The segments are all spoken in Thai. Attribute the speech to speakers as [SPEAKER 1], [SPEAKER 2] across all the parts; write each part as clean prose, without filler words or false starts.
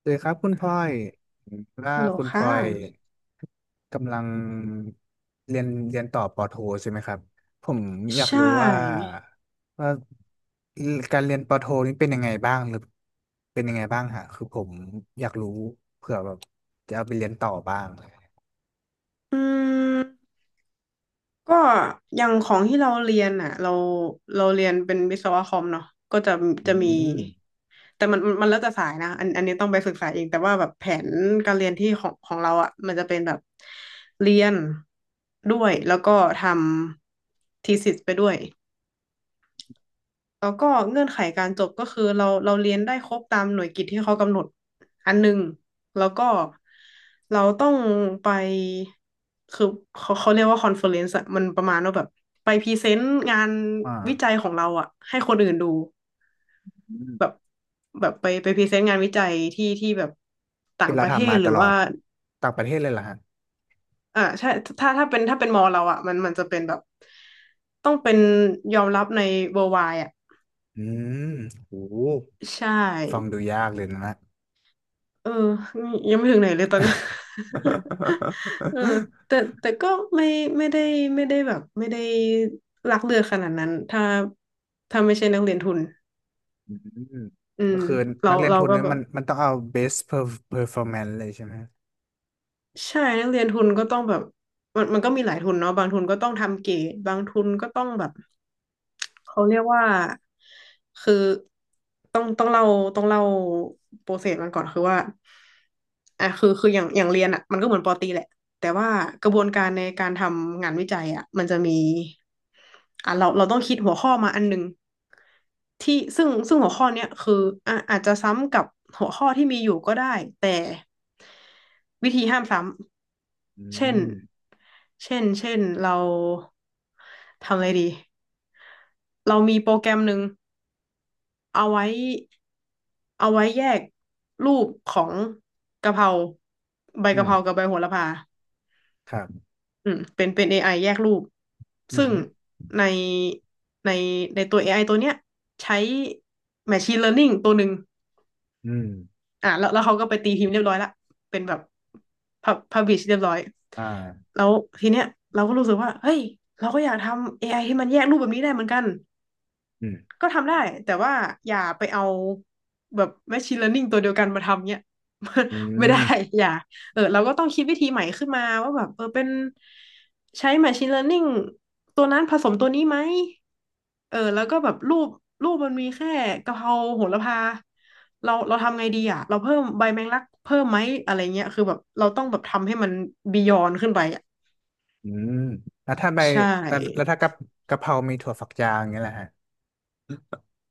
[SPEAKER 1] สวัสดีครับคุณพลอยว่า
[SPEAKER 2] ฮัลโหล
[SPEAKER 1] คุณพล
[SPEAKER 2] ค่ะ
[SPEAKER 1] อยกำลังเรียนต่อปอโทใช่ไหมครับ ผมอยา
[SPEAKER 2] ใช
[SPEAKER 1] กรู้
[SPEAKER 2] ่
[SPEAKER 1] ว่าการเรียนปอโทนี้เป็นยังไงบ้างฮะคือผมอยากรู้เผื่อแบบจะเอาไปเรียนต่อบ้าง
[SPEAKER 2] อืมก็อย่างของที่เราเรียนอ่ะเราเรียนเป็นวิศวะคอมเนาะก็จะ
[SPEAKER 1] อื
[SPEAKER 2] จะมี
[SPEAKER 1] ม
[SPEAKER 2] แต่มันแล้วแต่สายนะอันนี้ต้องไปศึกษาเองแต่ว่าแบบแผนการเรียนที่ของเราอ่ะมันจะเป็นแบบเรียนด้วยแล้วก็ทำทีเอสิสไปด้วย แล้วก็เงื่อนไขการจบก็คือเราเรียนได้ครบตามหน่วยกิตที่เขากำหนดอันหนึ่งแล้วก็เราต้องไปคือเขาเรียกว่าคอนเฟอเรนซ์อะมันประมาณว่าแบบไปพรีเซนต์งานวิจัย
[SPEAKER 1] อ่า
[SPEAKER 2] ของเราอะให้คนอื่นดู
[SPEAKER 1] อืม
[SPEAKER 2] แบบแบบไปพรีเซนต์งานวิจัยที่แบบต่า
[SPEAKER 1] ที่
[SPEAKER 2] งป
[SPEAKER 1] เรา
[SPEAKER 2] ระเท
[SPEAKER 1] ทำ
[SPEAKER 2] ศ
[SPEAKER 1] มา
[SPEAKER 2] ห
[SPEAKER 1] ต
[SPEAKER 2] รือ
[SPEAKER 1] ลอ
[SPEAKER 2] ว่า
[SPEAKER 1] ดต่างประเทศเลยเหรอฮะ
[SPEAKER 2] อ่าใช่ถ้าเป็นมอเราอะมันจะเป็นแบบต้องเป็นยอมรับใน worldwide อะ
[SPEAKER 1] อืมโห
[SPEAKER 2] ใช่
[SPEAKER 1] ฟังดูยากเลยนะ
[SPEAKER 2] เออนี่ยังไม่ถึงไหนเลยตอนเนี้ย เออแต่ แต่ก็ไม่ไม่ได้ไม่ได้แบบไม่ได้รักเลือดขนาดนั้นถ้าไม่ใช่นักเรียนทุน
[SPEAKER 1] อืม
[SPEAKER 2] อื
[SPEAKER 1] ก็
[SPEAKER 2] ม
[SPEAKER 1] คือ
[SPEAKER 2] เรา
[SPEAKER 1] นักเรียน
[SPEAKER 2] เรา
[SPEAKER 1] ทุน
[SPEAKER 2] ก็
[SPEAKER 1] เนี่ย
[SPEAKER 2] แบ
[SPEAKER 1] มั
[SPEAKER 2] บ
[SPEAKER 1] นมันต้องเอา best performance เลยใช่ไหมฮะ
[SPEAKER 2] ใช่นักเรียนทุนก็ต้องแบบมันก็มีหลายทุนเนาะบางทุนก็ต้องทำเก๋บางทุนก็ต้องแบบ เขาเรียกว่าคือต้องต้องเล่าต้องเล่าโปรเซสมันก่อนคือว่าอ่ะคืออย่างเรียนอ่ะมันก็เหมือนปอตรีแหละแต่ว่ากระบวนการในการทำงานวิจัยอ่ะมันจะมีอ่ะเราต้องคิดหัวข้อมาอันหนึ่งที่ซึ่งหัวข้อเนี้ยคืออ่ะอาจจะซ้ำกับหัวข้อที่มีอยู่ก็ได้แต่วิธีห้ามซ้
[SPEAKER 1] อื
[SPEAKER 2] ำเช่น
[SPEAKER 1] ม
[SPEAKER 2] เช่นเราทำอะไรดี เรามีโปรแกรมหนึ่งเอาไว้เอาไว้แยกรูปของกะเพราใบ
[SPEAKER 1] อื
[SPEAKER 2] กะ
[SPEAKER 1] ม
[SPEAKER 2] เพรากับใบโหระพา
[SPEAKER 1] ครับ
[SPEAKER 2] อืมเป็น AI แยกรูป
[SPEAKER 1] อืมอ
[SPEAKER 2] ซึ่ง
[SPEAKER 1] หือ
[SPEAKER 2] ในในในตัว AI ตัวเนี้ยใช้ Machine Learning ตัวหนึ่ง
[SPEAKER 1] อืม
[SPEAKER 2] อ่ะแล้วเขาก็ไปตีพิมพ์เรียบร้อยละเป็นแบบพับลิชเรียบร้อย
[SPEAKER 1] อ่า
[SPEAKER 2] แล้วทีเนี้ยเราก็รู้สึกว่าเฮ้ยเราก็อยากทำ AI ให้มันแยกรูปแบบนี้ได้เหมือนกัน
[SPEAKER 1] อืม
[SPEAKER 2] ก็ทำได้แต่ว่าอย่าไปเอาแบบ machine learning ตัวเดียวกันมาทำเนี่ย
[SPEAKER 1] อื
[SPEAKER 2] ไม่ได้
[SPEAKER 1] ม
[SPEAKER 2] อย่าเออเราก็ต้องคิดวิธีใหม่ขึ้นมาว่าแบบเออเป็นใช้ machine learning ตัวนั้นผสมตัวนี้ไหมเออแล้วก็แบบรูปมันมีแค่กะเพราโหระพาเราทำไงดีอ่ะเราเพิ่มใบแมงลักเพิ่มไหมอะไรเงี้ยคือแบบเราต้องแบบทำให้มันบียอนขึ้นไปอ่ะ
[SPEAKER 1] อืมแล้วถ้าใบ
[SPEAKER 2] ใช
[SPEAKER 1] แล้ว
[SPEAKER 2] ่
[SPEAKER 1] ถ้ากะเพรามีถั่วฝักยาวอย่างเงี้ยแหละฮะ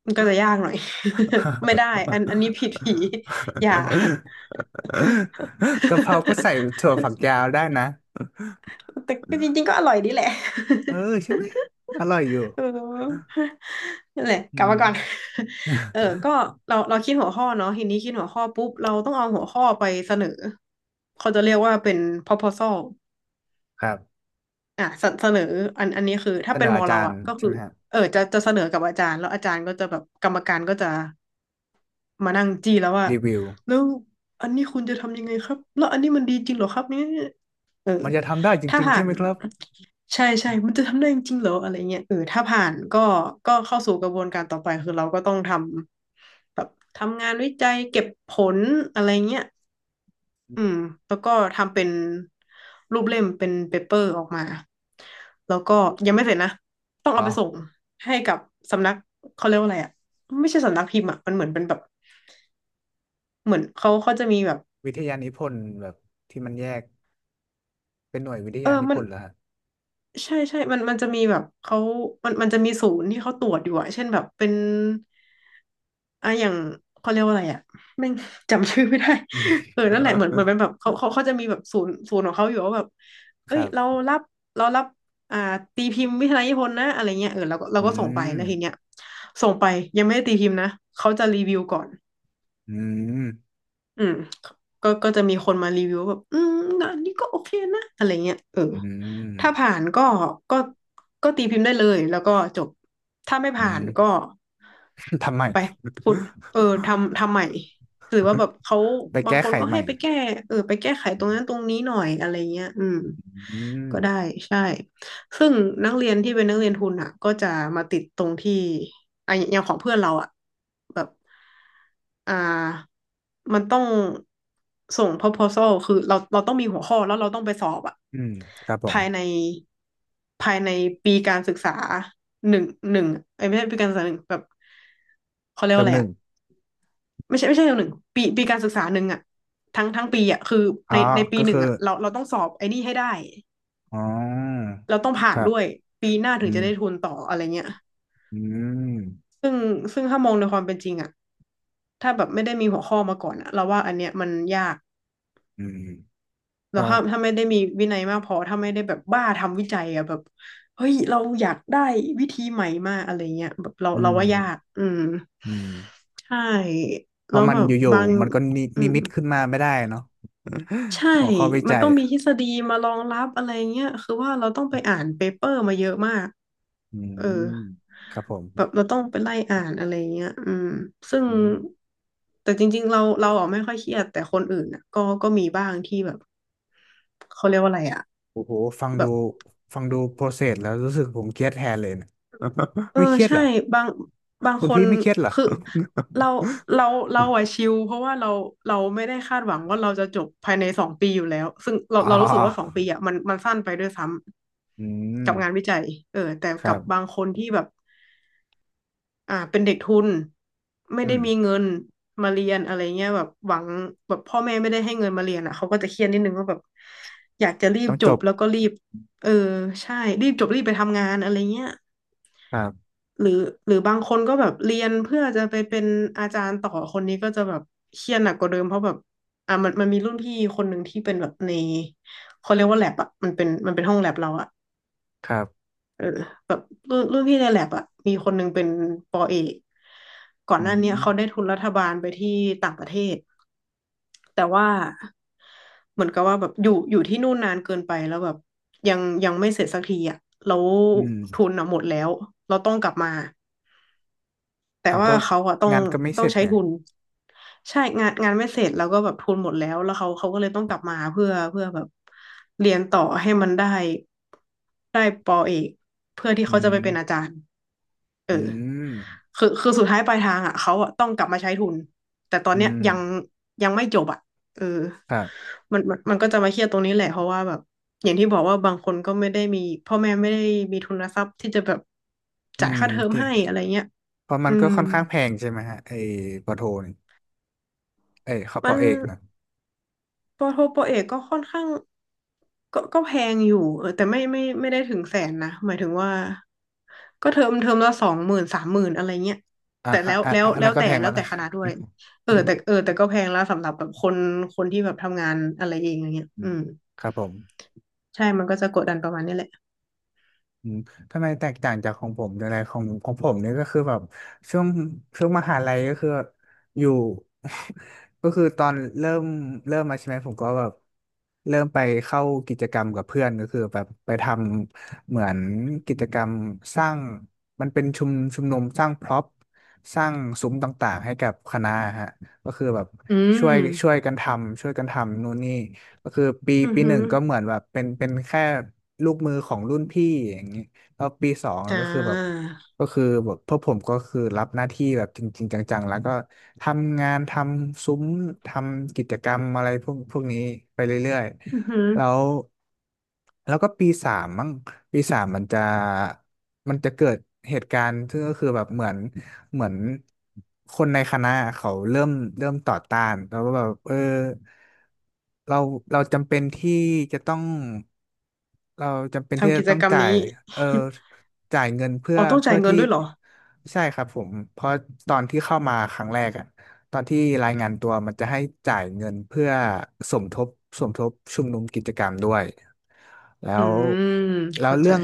[SPEAKER 2] มันก็จะยากหน่อย ไม่ได้อันนี้ผิดผีอย่า
[SPEAKER 1] กะเพราก็ใส่ ถั่วฝักยาวได้นะ
[SPEAKER 2] แต่ก็จริงๆก็อร่อยดีแหละ
[SPEAKER 1] เออ ใช่ไหมอร่อยอยู่
[SPEAKER 2] เออนั่นแหละ
[SPEAKER 1] อื
[SPEAKER 2] กลับมา
[SPEAKER 1] ม
[SPEAKER 2] ก่อน เออก็เราคิดหัวข้อเนาะทีนี้คิดหัวข้อปุ๊บเราต้องเอาหัวข้อไปเสนอเขาจะเรียกว่าเป็น proposal
[SPEAKER 1] ครับ
[SPEAKER 2] อ่ะเสนออันนี้คือถ้า
[SPEAKER 1] เสน
[SPEAKER 2] เป็น
[SPEAKER 1] อ
[SPEAKER 2] มอ
[SPEAKER 1] อา
[SPEAKER 2] เรา
[SPEAKER 1] จาร
[SPEAKER 2] อ่ะ
[SPEAKER 1] ย์
[SPEAKER 2] ก็
[SPEAKER 1] ใช่
[SPEAKER 2] คือ
[SPEAKER 1] ไหมฮะ
[SPEAKER 2] เออจะเสนอกับอาจารย์แล้วอาจารย์ก็จะแบบกรรมการก็จะ มานั่งจี้แล้วว่า
[SPEAKER 1] รีวิว
[SPEAKER 2] แล้วอันนี้คุณจะทำยังไงครับแล้วอันนี้มันดีจริงเหรอครับเนี่ยเออ
[SPEAKER 1] มันจะทำได้จ
[SPEAKER 2] ถ้า
[SPEAKER 1] ริงๆ
[SPEAKER 2] ผ่า
[SPEAKER 1] ใช่
[SPEAKER 2] น
[SPEAKER 1] ไหมครับ
[SPEAKER 2] ใช่มันจะทำได้จริงๆเหรออะไรเงี้ยเออถ้าผ่านก็ก็เข้าสู่กระบวนการต่อไปคือเราก็ต้องทำแบบทำงานวิจัยเก็บผลอะไรเงี้ย
[SPEAKER 1] อื
[SPEAKER 2] อืม
[SPEAKER 1] ม
[SPEAKER 2] แล้วก็ทำเป็นรูปเล่มเป็นเปเปอร์ออกมา แล้วก็ยังไม่เสร็จนะ ต้อง
[SPEAKER 1] อ๋อ
[SPEAKER 2] เอาไปส่งให้กับสำนักเขาเรียกว่าอะไรอ่ะไม่ใช่สำนักพิมพ์อ่ะมันเหมือนเป็นแบบ เหมือนเขาจะมีแบบ
[SPEAKER 1] วิทยานิพนธ์แบบที่มันแยกเป็นหน่วยวิท
[SPEAKER 2] เออ
[SPEAKER 1] ยานิ
[SPEAKER 2] มั
[SPEAKER 1] พ
[SPEAKER 2] น
[SPEAKER 1] นธ์เหรอฮะ
[SPEAKER 2] ใช่มันจะมีแบบเขามันจะมีศูนย์ที่เขาตรวจอยู่อะเช่นแบบเป็นอ่ะอย่างเขาเรียกว่าอะไรอะแม่ง จำชื่อไม่ได้
[SPEAKER 1] อืม
[SPEAKER 2] เออนั่นแหละเหมือนเป็นแบบเขาจะมีแบบศูนย์ของเขาอยู่ว่าแบบ
[SPEAKER 1] ค
[SPEAKER 2] เอ้ย
[SPEAKER 1] รับ
[SPEAKER 2] รับเรารับอ่าตีพิมพ์วิทยาลนิพนธ์นะอะไรเงี้ยเออเราก็เรา
[SPEAKER 1] อื
[SPEAKER 2] ก็ส่งไปแล้
[SPEAKER 1] ม
[SPEAKER 2] วทีเนี้ยส่งไปยังไม่ได้ตีพิมพ์นะเขาจะรีวิวก่อน
[SPEAKER 1] อืม
[SPEAKER 2] อืมก็จะมีคนมารีวิวแบบอืมนะอันนี้ก็โอเคนะอะไรเงี้ยเออ
[SPEAKER 1] อืม
[SPEAKER 2] ถ้าผ่านก็ก็ก็ตีพิมพ์ได้เลยแล้วก็จบถ้าไม่
[SPEAKER 1] อื
[SPEAKER 2] ผ่าน
[SPEAKER 1] ม
[SPEAKER 2] ก็
[SPEAKER 1] ทำไม
[SPEAKER 2] ไปคุณเออทำใหม่หรือว่าแบบเขา
[SPEAKER 1] ไป
[SPEAKER 2] บาง
[SPEAKER 1] แก้
[SPEAKER 2] คน
[SPEAKER 1] ไข
[SPEAKER 2] ก็
[SPEAKER 1] ให
[SPEAKER 2] ให้
[SPEAKER 1] ม่
[SPEAKER 2] ไปแก้เออไปแก้ไขตร
[SPEAKER 1] อื
[SPEAKER 2] งนั้นตรงนี้หน่อยอะไรเงี้ยอืม
[SPEAKER 1] ม
[SPEAKER 2] ก็ได้ใช่ ซึ่งนักเรียนที่เป็นนักเรียนทุนอ่ะก็จะมาติดตรงที่อ่ะอย่างของเพื่อนเราอ่ะแบบอ่ามันต้องส่ง proposal คือเราต้องมีหัวข้อแล้วเราต้องไปสอบอ่ะ
[SPEAKER 1] อืมครับผม
[SPEAKER 2] ภายในภายในปีการศึกษาหนึ่งหนึ่งเอ้ยไม่ใช่ปีการศึกษาหนึ่งแบบเขาเรีย
[SPEAKER 1] เท
[SPEAKER 2] ก
[SPEAKER 1] อ
[SPEAKER 2] ว่า
[SPEAKER 1] ม
[SPEAKER 2] อะ
[SPEAKER 1] ห
[SPEAKER 2] ไร
[SPEAKER 1] นึ่ง
[SPEAKER 2] อ่ะไม่ใช่เทอนหนึ่งปีการศึกษาหนึ่งอ่ะทั้งปีอ่ะคือ
[SPEAKER 1] อ๋อ
[SPEAKER 2] ในปี
[SPEAKER 1] ก็
[SPEAKER 2] หนึ่
[SPEAKER 1] คื
[SPEAKER 2] ง
[SPEAKER 1] อ
[SPEAKER 2] อ่ะเราต้องสอบไอ้นี่ให้ได้
[SPEAKER 1] อ๋อ
[SPEAKER 2] เราต้องผ่า
[SPEAKER 1] ค
[SPEAKER 2] น
[SPEAKER 1] รับ
[SPEAKER 2] ด้วยปีหน้า
[SPEAKER 1] อื
[SPEAKER 2] ถึง
[SPEAKER 1] ม
[SPEAKER 2] จะได้ทุนต่ออะไรเงี้ย
[SPEAKER 1] อืม
[SPEAKER 2] ซึ่งซึ่งถ้ามองในความเป็นจริงอะถ้าแบบไม่ได้มีหัวข้อมาก่อนอะเราว่าอันเนี้ยมันยาก
[SPEAKER 1] อืมค
[SPEAKER 2] แล้ว
[SPEAKER 1] รั
[SPEAKER 2] ถ้า
[SPEAKER 1] บ
[SPEAKER 2] ถ้าไม่ได้มีวินัยมากพอถ้าไม่ได้แบบบ้าทำวิจัยอะแบบเฮ้ยเราอยากได้วิธีใหม่มากอะไรเงี้ยแบบเรา
[SPEAKER 1] อื
[SPEAKER 2] เรา
[SPEAKER 1] ม
[SPEAKER 2] ว่ายากอืม
[SPEAKER 1] อืม
[SPEAKER 2] ใช่
[SPEAKER 1] เพ
[SPEAKER 2] แล้
[SPEAKER 1] ราะ
[SPEAKER 2] ว
[SPEAKER 1] มั
[SPEAKER 2] แบ
[SPEAKER 1] น
[SPEAKER 2] บ
[SPEAKER 1] อยู่
[SPEAKER 2] บาง
[SPEAKER 1] ๆมันก็นิ
[SPEAKER 2] อื
[SPEAKER 1] นิ
[SPEAKER 2] ม
[SPEAKER 1] มิตขึ้นมาไม่ได้เนาะ
[SPEAKER 2] ใช่
[SPEAKER 1] หัวข้อวิ
[SPEAKER 2] มัน
[SPEAKER 1] จัย
[SPEAKER 2] ต้องมีท
[SPEAKER 1] อ
[SPEAKER 2] ฤษฎีมารองรับอะไรเงี้ย คือว่าเราต้องไปอ่านเปเปอร์มาเยอะมาก
[SPEAKER 1] ื
[SPEAKER 2] เออ
[SPEAKER 1] มครับผม
[SPEAKER 2] แบบเราต้องไปไล่อ่านอะไรเงี้ยอืมซึ่ง
[SPEAKER 1] อืม
[SPEAKER 2] แต่จริงๆเราอะไม่ค่อยเครียดแต่คนอื่นอ่ะก็มีบ้างที่แบบเขาเรียกว่าอะไรอ่ะ
[SPEAKER 1] โอ้โหฟังดูฟังดูโปรเซสแล้วรู้สึกผมเครียดแทนเลยเนะ
[SPEAKER 2] เอ อ
[SPEAKER 1] ไม่เครียดเห
[SPEAKER 2] ใช่
[SPEAKER 1] รอ
[SPEAKER 2] บางบาง
[SPEAKER 1] คุณ
[SPEAKER 2] ค
[SPEAKER 1] พี่
[SPEAKER 2] น
[SPEAKER 1] ไม่เครียดเหรอ
[SPEAKER 2] คือ เราเราเราอะชิลเพราะว่าเราไม่ได้คาดหวังว่าเราจะจบภายในสองปีอยู่แล้วซึ่งเรา
[SPEAKER 1] อ๋อ
[SPEAKER 2] เรารู้สึกว่าสองปีอะมันสั้นไปด้วยซ้
[SPEAKER 1] อื
[SPEAKER 2] ำ
[SPEAKER 1] ม
[SPEAKER 2] กับงานวิจัยเออแต่
[SPEAKER 1] ครั
[SPEAKER 2] กับบา
[SPEAKER 1] บ
[SPEAKER 2] งคนที่แบบอ่าเป็นเด็กทุนไม่
[SPEAKER 1] อื
[SPEAKER 2] ได้
[SPEAKER 1] ม
[SPEAKER 2] มีเงินมาเรียนอะไรเงี้ยแบบหวังแบบพ่อแม่ไม่ได้ให้เงินมาเรียนอะเขาก็จะเครียดนิดนึงว่าแบบอยากจะรีบ
[SPEAKER 1] ต้อง
[SPEAKER 2] จ
[SPEAKER 1] จ
[SPEAKER 2] บ
[SPEAKER 1] บ
[SPEAKER 2] แล้วก็รีบเออใช่รีบจบรีบไปทำงานอะไรเงี้ย
[SPEAKER 1] ครับ
[SPEAKER 2] หรือหรือบางคนก็แบบเรียนเพื่อจะไปเป็นอาจารย์ต่อคนนี้ก็จะแบบเครียดหนักกว่าเดิมเพราะแบบอ่ะมันมีรุ่นพี่คนหนึ่งที่เป็นแบบในเขาเรียกว่าแลบอ่ะมันเป็นห้องแลบเราอ่ะ
[SPEAKER 1] ครับ
[SPEAKER 2] เออแบบรุ่นพี่ในแลบอ่ะมีคนหนึ่งเป็นปอเอกก่อน
[SPEAKER 1] อื
[SPEAKER 2] หน้าเนี้ยเขาได้
[SPEAKER 1] ม
[SPEAKER 2] ทุนรัฐบาลไปที่ต่างประเทศแต่ว่าเหมือนกับว่าแบบอยู่ที่นู่นนานเกินไปแล้วแบบยังไม่เสร็จสักทีอ่ะแล้ว
[SPEAKER 1] อื
[SPEAKER 2] ทุ
[SPEAKER 1] ม
[SPEAKER 2] นอ่ะหมดแล้วเราต้องกลับมา แต่
[SPEAKER 1] เอา
[SPEAKER 2] ว่า
[SPEAKER 1] ก็
[SPEAKER 2] เขาอะต้อง
[SPEAKER 1] งานก็ไม่
[SPEAKER 2] ต้
[SPEAKER 1] เส
[SPEAKER 2] อง
[SPEAKER 1] ร็จ
[SPEAKER 2] ใช้
[SPEAKER 1] เนี่ย
[SPEAKER 2] ทุนใช่งานไม่เสร็จแล้วก็แบบทุนหมดแล้วแล้วเขาก็เลยต้องกลับมาเพื่อแบบเรียนต่อให้มันได้ปอเอกเพื่อที่
[SPEAKER 1] อื
[SPEAKER 2] เขาจะไปเป็นอา
[SPEAKER 1] ม
[SPEAKER 2] จารย์
[SPEAKER 1] อืม
[SPEAKER 2] คือสุดท้ายปลายทางอ่ะเขาอะต้องกลับมาใช้ทุนแต่ตอน
[SPEAKER 1] อื
[SPEAKER 2] เนี้ย
[SPEAKER 1] ม
[SPEAKER 2] ยังไม่จบอ่ะเออ
[SPEAKER 1] ครับ
[SPEAKER 2] มันก็จะมาเครียดตรงนี้แหละเพราะว่าแบบอย่างที่บอกว่าบางคนก็ไม่ได้มีพ่อแม่ไม่ได้มีทุนทรัพย์ที่จะแบบ
[SPEAKER 1] อื
[SPEAKER 2] จ่าย
[SPEAKER 1] ม
[SPEAKER 2] ค่าเทอม
[SPEAKER 1] จริ
[SPEAKER 2] ให้
[SPEAKER 1] ง
[SPEAKER 2] อะไรเงี้ย
[SPEAKER 1] เพราะมั
[SPEAKER 2] อื
[SPEAKER 1] นก็
[SPEAKER 2] ม
[SPEAKER 1] ค่อนข้างแพงใช่ไหมฮะไอ้ปอโทนี่เอ้ยขอป
[SPEAKER 2] มั
[SPEAKER 1] อ
[SPEAKER 2] น
[SPEAKER 1] เอกนะ
[SPEAKER 2] ปอโทปอเอกก็ค่อนข้างก็แพงอยู่เออแต่ไม่ได้ถึงแสนนะหมายถึงว่าก็เทอมละสองหมื่นสามหมื่นอะไรเงี้ย
[SPEAKER 1] อ่ะ
[SPEAKER 2] แต่
[SPEAKER 1] อ่ะ
[SPEAKER 2] แล้ว
[SPEAKER 1] อ่ะ
[SPEAKER 2] แล้ว
[SPEAKER 1] อัน
[SPEAKER 2] แล้
[SPEAKER 1] นั้
[SPEAKER 2] ว
[SPEAKER 1] นก็
[SPEAKER 2] แต่
[SPEAKER 1] แพง
[SPEAKER 2] แล้
[SPEAKER 1] แล้ว
[SPEAKER 2] วแต่
[SPEAKER 1] นะ
[SPEAKER 2] คณะด้วยเออแต่ก็แพงแล้วสำหรับแบบคนที่แบบทำงานอะไรเองอย่างเงี้ยอืม
[SPEAKER 1] ครับผม
[SPEAKER 2] ใช่มันก็จะกดดันประมาณนี้แหละ
[SPEAKER 1] อืมทำไมแตกต่างจากของผมอะไรของผมเนี่ยก็คือแบบช่วงช่วงมหาลัยก็คืออยู่ ก็คือตอนเริ่มมาใช่ไหมผมก็แบบเริ่มไปเข้ากิจกรรมกับเพื่อนก็คือแบบไปทำเหมือนกิจกรรมสร้างมันเป็นชุมนุมสร้างพร็อพสร้างซุ้มต่างๆให้กับคณะฮะก็คือแบบ
[SPEAKER 2] อืม
[SPEAKER 1] ช่วยช่วยกันทำช่วยกันทำนู่นนี่ ก็คือปี
[SPEAKER 2] อือ
[SPEAKER 1] ปีห
[SPEAKER 2] หื
[SPEAKER 1] นึ่ง
[SPEAKER 2] อ
[SPEAKER 1] ก็เหมือนแบบเป็นแค่ลูกมือของรุ่นพี่อย่างนี้แล้วปีสอง
[SPEAKER 2] อ่า
[SPEAKER 1] ก็คือแบบก็คือแบบพวกผมก็คือรับหน้าที่แบบจริงๆจังๆแล้วก็ทำงานทำซุ้มทำกิจกรรมอะไรพวกนี้ไปเรื่อย
[SPEAKER 2] อือหือ
[SPEAKER 1] ๆแล้วก็ปีสามมั้งปีสามมันจะเกิดเหตุการณ์ซึ่งก็คือแบบเหมือนคนในคณะเขาเริ่มต่อต้านแล้วก็แบบเออ เราเราจำเป็นที่จะต้องเราจำเป็นที่
[SPEAKER 2] ทำ
[SPEAKER 1] จะ
[SPEAKER 2] กิจ
[SPEAKER 1] ต้อง
[SPEAKER 2] กรรม
[SPEAKER 1] จ่าย
[SPEAKER 2] นี้
[SPEAKER 1] เออ จ่ายเงินเพื่อ
[SPEAKER 2] อ๋อต้องจ่า
[SPEAKER 1] เพื่อ
[SPEAKER 2] ยเงิ
[SPEAKER 1] ที่
[SPEAKER 2] นด้วยเหรอ
[SPEAKER 1] ใช่ครับผมเพราะตอนที่เข้ามาครั้งแรกอะตอนที่รายงานตัวมันจะให้จ่ายเงินเพื่อสมทบสมทบชุมนุมกิจกรรมด้วยแล้
[SPEAKER 2] อื
[SPEAKER 1] ว
[SPEAKER 2] ม
[SPEAKER 1] แล้ว
[SPEAKER 2] เข้าใจ
[SPEAKER 1] เรื่อง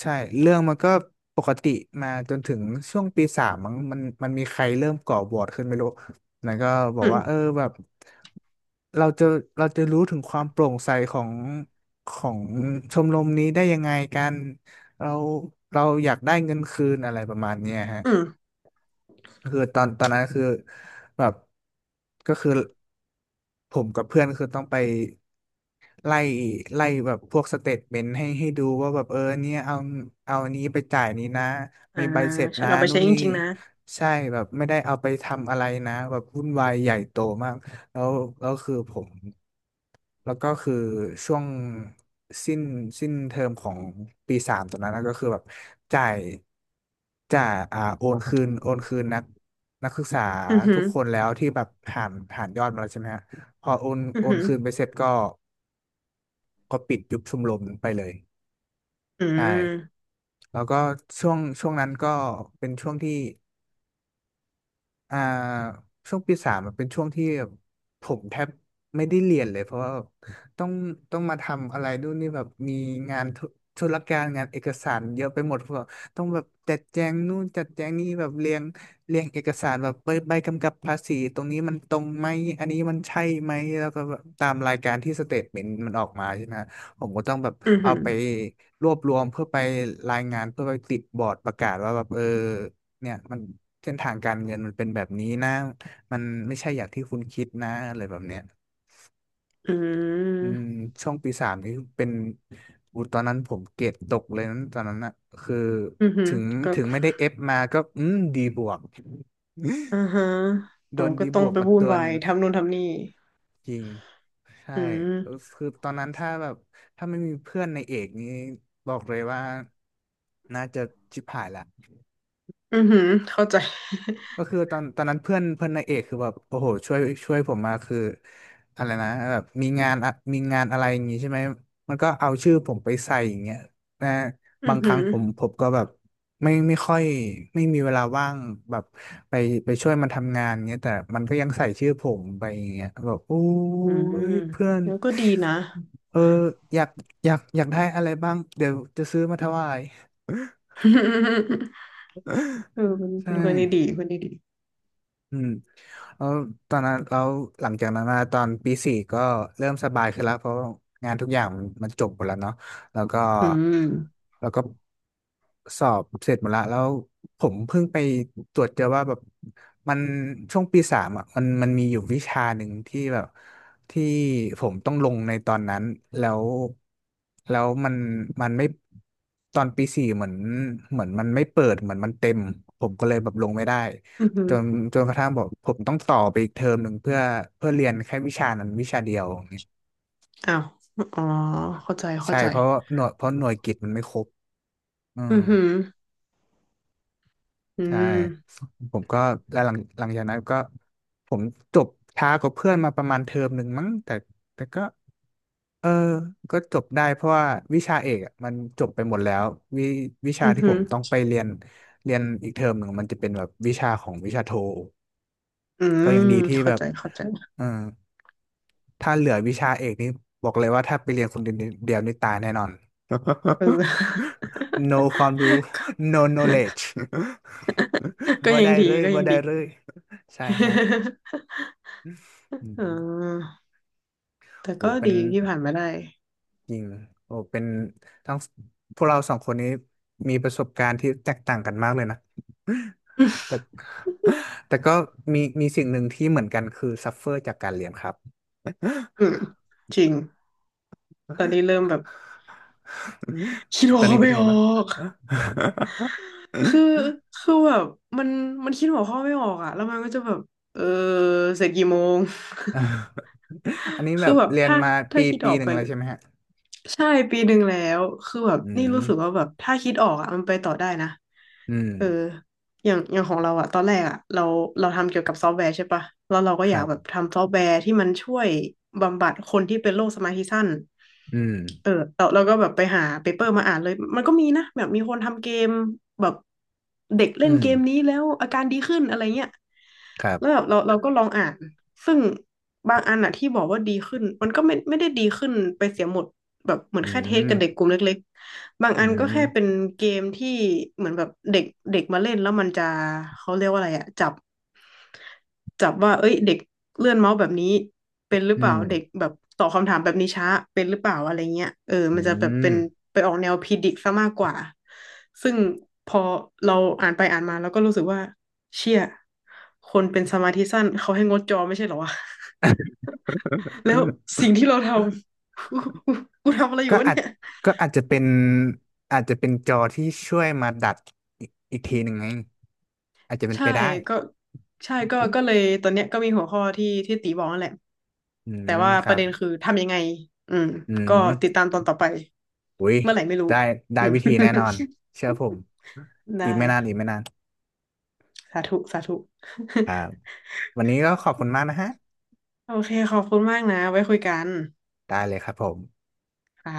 [SPEAKER 1] ใช่เรื่องมันก็ปกติมาจนถึงช่วงปีสามมั้งมันมีใครเริ่มก่อวอร์ดขึ้นไม่รู้ แล้วก็บอก
[SPEAKER 2] อื
[SPEAKER 1] ว่าเออ
[SPEAKER 2] ม
[SPEAKER 1] แบบเราจะเราจะรู้ถึงความโปร่งใสของชมรมนี้ได้ยังไงกันเราเราอยากได้เงินคืนอะไรประมาณเนี้ยฮะ
[SPEAKER 2] อืม
[SPEAKER 1] คือตอนนั้นคือแบบก็คือ ผมกับเพื่อนคือต้องไปไล่ไล่แบบพวกสเตทเมนต์ให้ดูว่าแบบเออเนี่ยเอาอันนี้ไปจ่ายนี้นะ
[SPEAKER 2] อ่า
[SPEAKER 1] มีใบเสร็จ
[SPEAKER 2] ฉั
[SPEAKER 1] นะ
[SPEAKER 2] นเอาไป
[SPEAKER 1] นู่
[SPEAKER 2] ใช้
[SPEAKER 1] น
[SPEAKER 2] จ
[SPEAKER 1] นี่
[SPEAKER 2] ริงๆนะ
[SPEAKER 1] ใช่แบบไม่ได้เอาไปทำอะไรนะแบบวุ่นวายใหญ่โตมากแล้วแล้วคือผม แล้วก็คือช่วงสิ้นสิ้นเทอมของปีสามตรงนั้นนะก็คือแบบจ่ายจ่ายอ่าโอนคืนนักศึกษา
[SPEAKER 2] อือหื
[SPEAKER 1] ทุ
[SPEAKER 2] อ
[SPEAKER 1] กคนแล้วที่แบบหารยอดมาแล้วใช่ไหมฮะพอโอน
[SPEAKER 2] อื
[SPEAKER 1] โอ
[SPEAKER 2] อ
[SPEAKER 1] น
[SPEAKER 2] หือ
[SPEAKER 1] คืนไปเสร็จก็ก็ปิดยุบชมรมไปเลย
[SPEAKER 2] อื
[SPEAKER 1] ใช่
[SPEAKER 2] ม
[SPEAKER 1] แล้วก็ช่วงนั้นก็เป็นช่วงที่ อ่าช่วงปีสามมันเป็นช่วงที่ผมแทบไม่ได้เรียนเลยเพราะว่าต้องต้องมาทำอะไรนู่นนี่แบบมีงานรการงานเอกสารเยอะไปหมดเพราะว่าต้องแบบจัดแจงนู่นจัดแจงนี่แบบเรียงเอกสารแบบใบกำกับภาษีตรงนี้มันตรงไหมอันนี้มันใช่ไหมแล้วก็แบบตามรายการที่สเตทเมนต์มันออกมาใช่ไหมผมก็ต้องแบบ
[SPEAKER 2] อือ
[SPEAKER 1] เอา
[SPEAKER 2] หือ
[SPEAKER 1] ไปรวบรวมเพื่อไปรายงานเพื่อไปติดบอร์ดประกาศว่าแบบเออเนี่ยมัน เส้นทางการเงินมันเป็นแบบนี้นะมันไม่ใช่อย่างที่คุณคิดนะอะไรแบบเนี้ย
[SPEAKER 2] อื
[SPEAKER 1] อื
[SPEAKER 2] ม
[SPEAKER 1] มช่วงปีสามนี่เป็นอูตอนนั้นผมเกรดตกเลยตอนนั้นอะคือ
[SPEAKER 2] อือหือ
[SPEAKER 1] ถึง
[SPEAKER 2] ก็
[SPEAKER 1] ถึงไม่ได้เอฟมาก็อืมดีบวก
[SPEAKER 2] อ่าฮะ
[SPEAKER 1] โด
[SPEAKER 2] อ๋อ
[SPEAKER 1] น
[SPEAKER 2] ก็
[SPEAKER 1] ดี
[SPEAKER 2] ต้
[SPEAKER 1] บ
[SPEAKER 2] อง
[SPEAKER 1] วก
[SPEAKER 2] ไป
[SPEAKER 1] มา
[SPEAKER 2] วุ่น
[SPEAKER 1] ตัว
[SPEAKER 2] วา
[SPEAKER 1] หนึ่
[SPEAKER 2] ย
[SPEAKER 1] ง
[SPEAKER 2] ทำนู่นทำนี่
[SPEAKER 1] จริงใช่
[SPEAKER 2] อืม
[SPEAKER 1] เออคือตอนนั้นถ้าแบบถ้าไม่มีเพื่อนในเอกนี้บอกเลยว่าน่าจะชิบหายละ
[SPEAKER 2] อือหือเข้าใจ
[SPEAKER 1] ก็คือตอนนั้นเพื่อนเพื่อนนางเอกคือแบบโอ้โหช่วยช่วยผมมาคืออะไรนะแบบมีงานอะมีงานอะไรอย่างงี้ใช่ไหมมันก็เอาชื่อผมไปใส่อย่างเงี้ยนะ
[SPEAKER 2] อื
[SPEAKER 1] บา
[SPEAKER 2] อ
[SPEAKER 1] งค
[SPEAKER 2] หื
[SPEAKER 1] รั้ง
[SPEAKER 2] อ
[SPEAKER 1] ผมก็แบบไม่ค่อยไม่มีเวลาว่างแบบไปไปช่วยมันทำงานเงี้ยแต่มันก็ยังใส่ชื่อผมไปอย่างเงี้ยแบบโอ้
[SPEAKER 2] อืม
[SPEAKER 1] ยเพื่อน
[SPEAKER 2] แล้วก็ดีนะ
[SPEAKER 1] เอออยากอยากได้อะไรบ้างเดี๋ยวจะซื้อมาถวาย
[SPEAKER 2] เออเป็น
[SPEAKER 1] ใช่
[SPEAKER 2] เป็นคนดีดีคนดีดี
[SPEAKER 1] อืม แล้วตอนนั้นแล้วหลังจากนั้นมาตอนปีสี่ก็เริ่มสบายขึ้นแล้วเพราะงานทุกอย่างมันจบหมดแล้วเนาะแล้วก็
[SPEAKER 2] อืม
[SPEAKER 1] แล้วก็สอบเสร็จหมดละแล้วผมเพิ่งไปตรวจเจอว่าแบบมันช่วงปีสามอ่ะมันมีอยู่วิชาหนึ่งที่แบบที่ผมต้องลงในตอนนั้นแล้วแล้วมันไม่ตอนปีสี่เหมือนมันไม่เปิดเหมือนมันเต็มผมก็เลยแบบลงไม่ได้
[SPEAKER 2] อือหื
[SPEAKER 1] จ
[SPEAKER 2] อ
[SPEAKER 1] นจนกระทั่งบอกผมต้องต่อไปอีกเทอมหนึ่งเพื่อเรียนแค่วิชานั้นวิชาเดียวอย่างเงี้ย
[SPEAKER 2] อ้าวอ๋อเข้าใจเข้า
[SPEAKER 1] ใช่
[SPEAKER 2] ใจ
[SPEAKER 1] เพราะหน่วยกิตมันไม่ครบอืม
[SPEAKER 2] อือหืออื
[SPEAKER 1] ใช่
[SPEAKER 2] ม
[SPEAKER 1] ผมก็แล้วหลังจากนั้นก็ผมจบช้ากว่าเพื่อนมาประมาณเทอมหนึ่งมั้งแต่ก็เออก็จบได้เพราะว่าวิชาเอกอะมันจบไปหมดแล้ววิวิชา
[SPEAKER 2] อือ
[SPEAKER 1] ที่
[SPEAKER 2] หื
[SPEAKER 1] ผ
[SPEAKER 2] อ
[SPEAKER 1] มต้องไปเรียนเรียนอีกเทอมหนึ่งมันจะเป็นแบบวิชาของวิชาโท
[SPEAKER 2] อื
[SPEAKER 1] ก็
[SPEAKER 2] ม
[SPEAKER 1] ยังดีที่
[SPEAKER 2] เข้า
[SPEAKER 1] แบบ
[SPEAKER 2] ใจเข้าใจ
[SPEAKER 1] เออ ถ้าเหลือวิชาเอกนี้บอกเลยว่าถ้าไปเรียนคนเดียวนี่ตายแน่นอน
[SPEAKER 2] เออ
[SPEAKER 1] no ความ รู้ no knowledge
[SPEAKER 2] ก็
[SPEAKER 1] บ่
[SPEAKER 2] ยั
[SPEAKER 1] ได้
[SPEAKER 2] งดี
[SPEAKER 1] เลย
[SPEAKER 2] ก็
[SPEAKER 1] บ่
[SPEAKER 2] ยัง
[SPEAKER 1] ได้
[SPEAKER 2] ดี
[SPEAKER 1] เลยใช่ฮะ อื
[SPEAKER 2] อ่
[SPEAKER 1] ม
[SPEAKER 2] าแต่
[SPEAKER 1] โอ้
[SPEAKER 2] ก็
[SPEAKER 1] เป็น
[SPEAKER 2] ดีที่ผ่านมาได้
[SPEAKER 1] จริงโอ้เป็นทั้งพวกเราสองคนนี้มีประสบการณ์ที่แตกต่างกันมากเลยนะ แต่แต่ก็มีสิ่งหนึ่งที่เหมือนกันคือซัฟเฟอร์จากการเรียนครับ
[SPEAKER 2] อืมจริง ตอนนี้เริ่มแบบคิด หั
[SPEAKER 1] ต
[SPEAKER 2] ว
[SPEAKER 1] อน
[SPEAKER 2] ข้อ
[SPEAKER 1] นี้เป็น
[SPEAKER 2] ไม่
[SPEAKER 1] ไง
[SPEAKER 2] ออ
[SPEAKER 1] บ้าง
[SPEAKER 2] ก คือคือแบบมันมันคิดหัวข้อไม่ออกอะแล้วมันก็จะแบบเออเสร็จกี่โมง
[SPEAKER 1] อันนี้ แบ
[SPEAKER 2] คือ
[SPEAKER 1] บ
[SPEAKER 2] แบบ
[SPEAKER 1] เรียน
[SPEAKER 2] ถ้า
[SPEAKER 1] มา
[SPEAKER 2] ถ้า
[SPEAKER 1] ปี
[SPEAKER 2] คิดอ
[SPEAKER 1] ปี
[SPEAKER 2] อก
[SPEAKER 1] หนึ่ง
[SPEAKER 2] เป็น
[SPEAKER 1] เลยใช่ไหมฮะ
[SPEAKER 2] ใช่ปีหนึ่งแล้วคือแบบ
[SPEAKER 1] อื
[SPEAKER 2] นี่
[SPEAKER 1] ม
[SPEAKER 2] รู้สึกว่าแบบถ้าคิดออกอ่ะมันไปต่อได้นะ
[SPEAKER 1] อืม
[SPEAKER 2] เอออย่างของเราอ่ะตอนแรกอ่ะเราทำเกี่ยวกับซอฟต์แวร์ใช่ปะแล้วเราก็
[SPEAKER 1] ค
[SPEAKER 2] อยา
[SPEAKER 1] รั
[SPEAKER 2] ก
[SPEAKER 1] บ
[SPEAKER 2] แบบทำซอฟต์แวร์ที่มันช่วยบำบัดคนที่เป็นโรคสมาธิสั้น
[SPEAKER 1] อืม
[SPEAKER 2] เออเราก็แบบไปหาเปเปอร์มาอ่านเลยมันก็มีนะแบบมีคนทำเกมแบบเด็กเล่
[SPEAKER 1] อื
[SPEAKER 2] น
[SPEAKER 1] ม
[SPEAKER 2] เกมนี้แล้วอาการดีขึ้นอะไรเงี้ย
[SPEAKER 1] ครั
[SPEAKER 2] แล้วแบ
[SPEAKER 1] บ
[SPEAKER 2] บเราก็ลองอ่านซึ่งบางอันอะที่บอกว่าดีขึ้นมันก็ไม่ได้ดีขึ้นไปเสียหมดแบบเหมือ
[SPEAKER 1] อื
[SPEAKER 2] นแค่เทสกับเด็ก
[SPEAKER 1] ม
[SPEAKER 2] กลุ่มเล็กๆบาง
[SPEAKER 1] อื
[SPEAKER 2] อันก็แค่เป็
[SPEAKER 1] ม
[SPEAKER 2] นเกมที่เหมือนแบบเด็กเด็กมาเล่นแล้วมันจะเขาเรียกว่าอะไรอะจับว่าเอ้ยเด็กเลื่อนเมาส์แบบนี้เป็นหรือ
[SPEAKER 1] อื
[SPEAKER 2] เปล่า
[SPEAKER 1] ม
[SPEAKER 2] เด็กแบบตอบคำถามแบบนี้ช้าเป็นหรือเปล่าอะไรเงี้ยเออ
[SPEAKER 1] อื
[SPEAKER 2] มันจะแบบเป็
[SPEAKER 1] ม
[SPEAKER 2] นไปออกแนวพีดิกซะมากกว่าซึ่งพอเราอ่านไปอ่านมาเราก็รู้สึกว่า เชี่ย คนเป็นสมาธิสั้นเขาให้งดจอไม่ใช่เหรอวะ แล้วสิ่งที่เราทำ กูกูทำอะไรอ
[SPEAKER 1] ก็
[SPEAKER 2] ยู่วะ
[SPEAKER 1] อาจ
[SPEAKER 2] เนี่ย
[SPEAKER 1] ก็อาจจะเป็นจอที่ช่วยมาดัดอีกทีหนึ่งไงอาจจะเป็น
[SPEAKER 2] ใช่
[SPEAKER 1] ไปได้
[SPEAKER 2] ก็ใช่ก็เลยตอนเนี้ยก็มีหัวข้อที่ตีบอกนั่นแหละ
[SPEAKER 1] อื
[SPEAKER 2] แต่
[SPEAKER 1] ม
[SPEAKER 2] ว่า
[SPEAKER 1] ค
[SPEAKER 2] ป
[SPEAKER 1] รั
[SPEAKER 2] ระ
[SPEAKER 1] บ
[SPEAKER 2] เด็นคือทำยังไงอืม
[SPEAKER 1] อื
[SPEAKER 2] ก็ติด
[SPEAKER 1] ม
[SPEAKER 2] ตามตอนต่อไป
[SPEAKER 1] อุ้ย
[SPEAKER 2] เมื่อไหร่ไม่รู้
[SPEAKER 1] ได้ได้
[SPEAKER 2] อืม
[SPEAKER 1] วิธีแน่นอน เชื่อผมอีก
[SPEAKER 2] ได้
[SPEAKER 1] ไม่นานอีกไม่นาน
[SPEAKER 2] สาธุสาธุ
[SPEAKER 1] ครับ วันนี้ก็ขอบคุณมากนะฮะ
[SPEAKER 2] โอเคขอบคุณมากนะไว้คุยกัน
[SPEAKER 1] ได้เลยครับผม
[SPEAKER 2] ค่ะ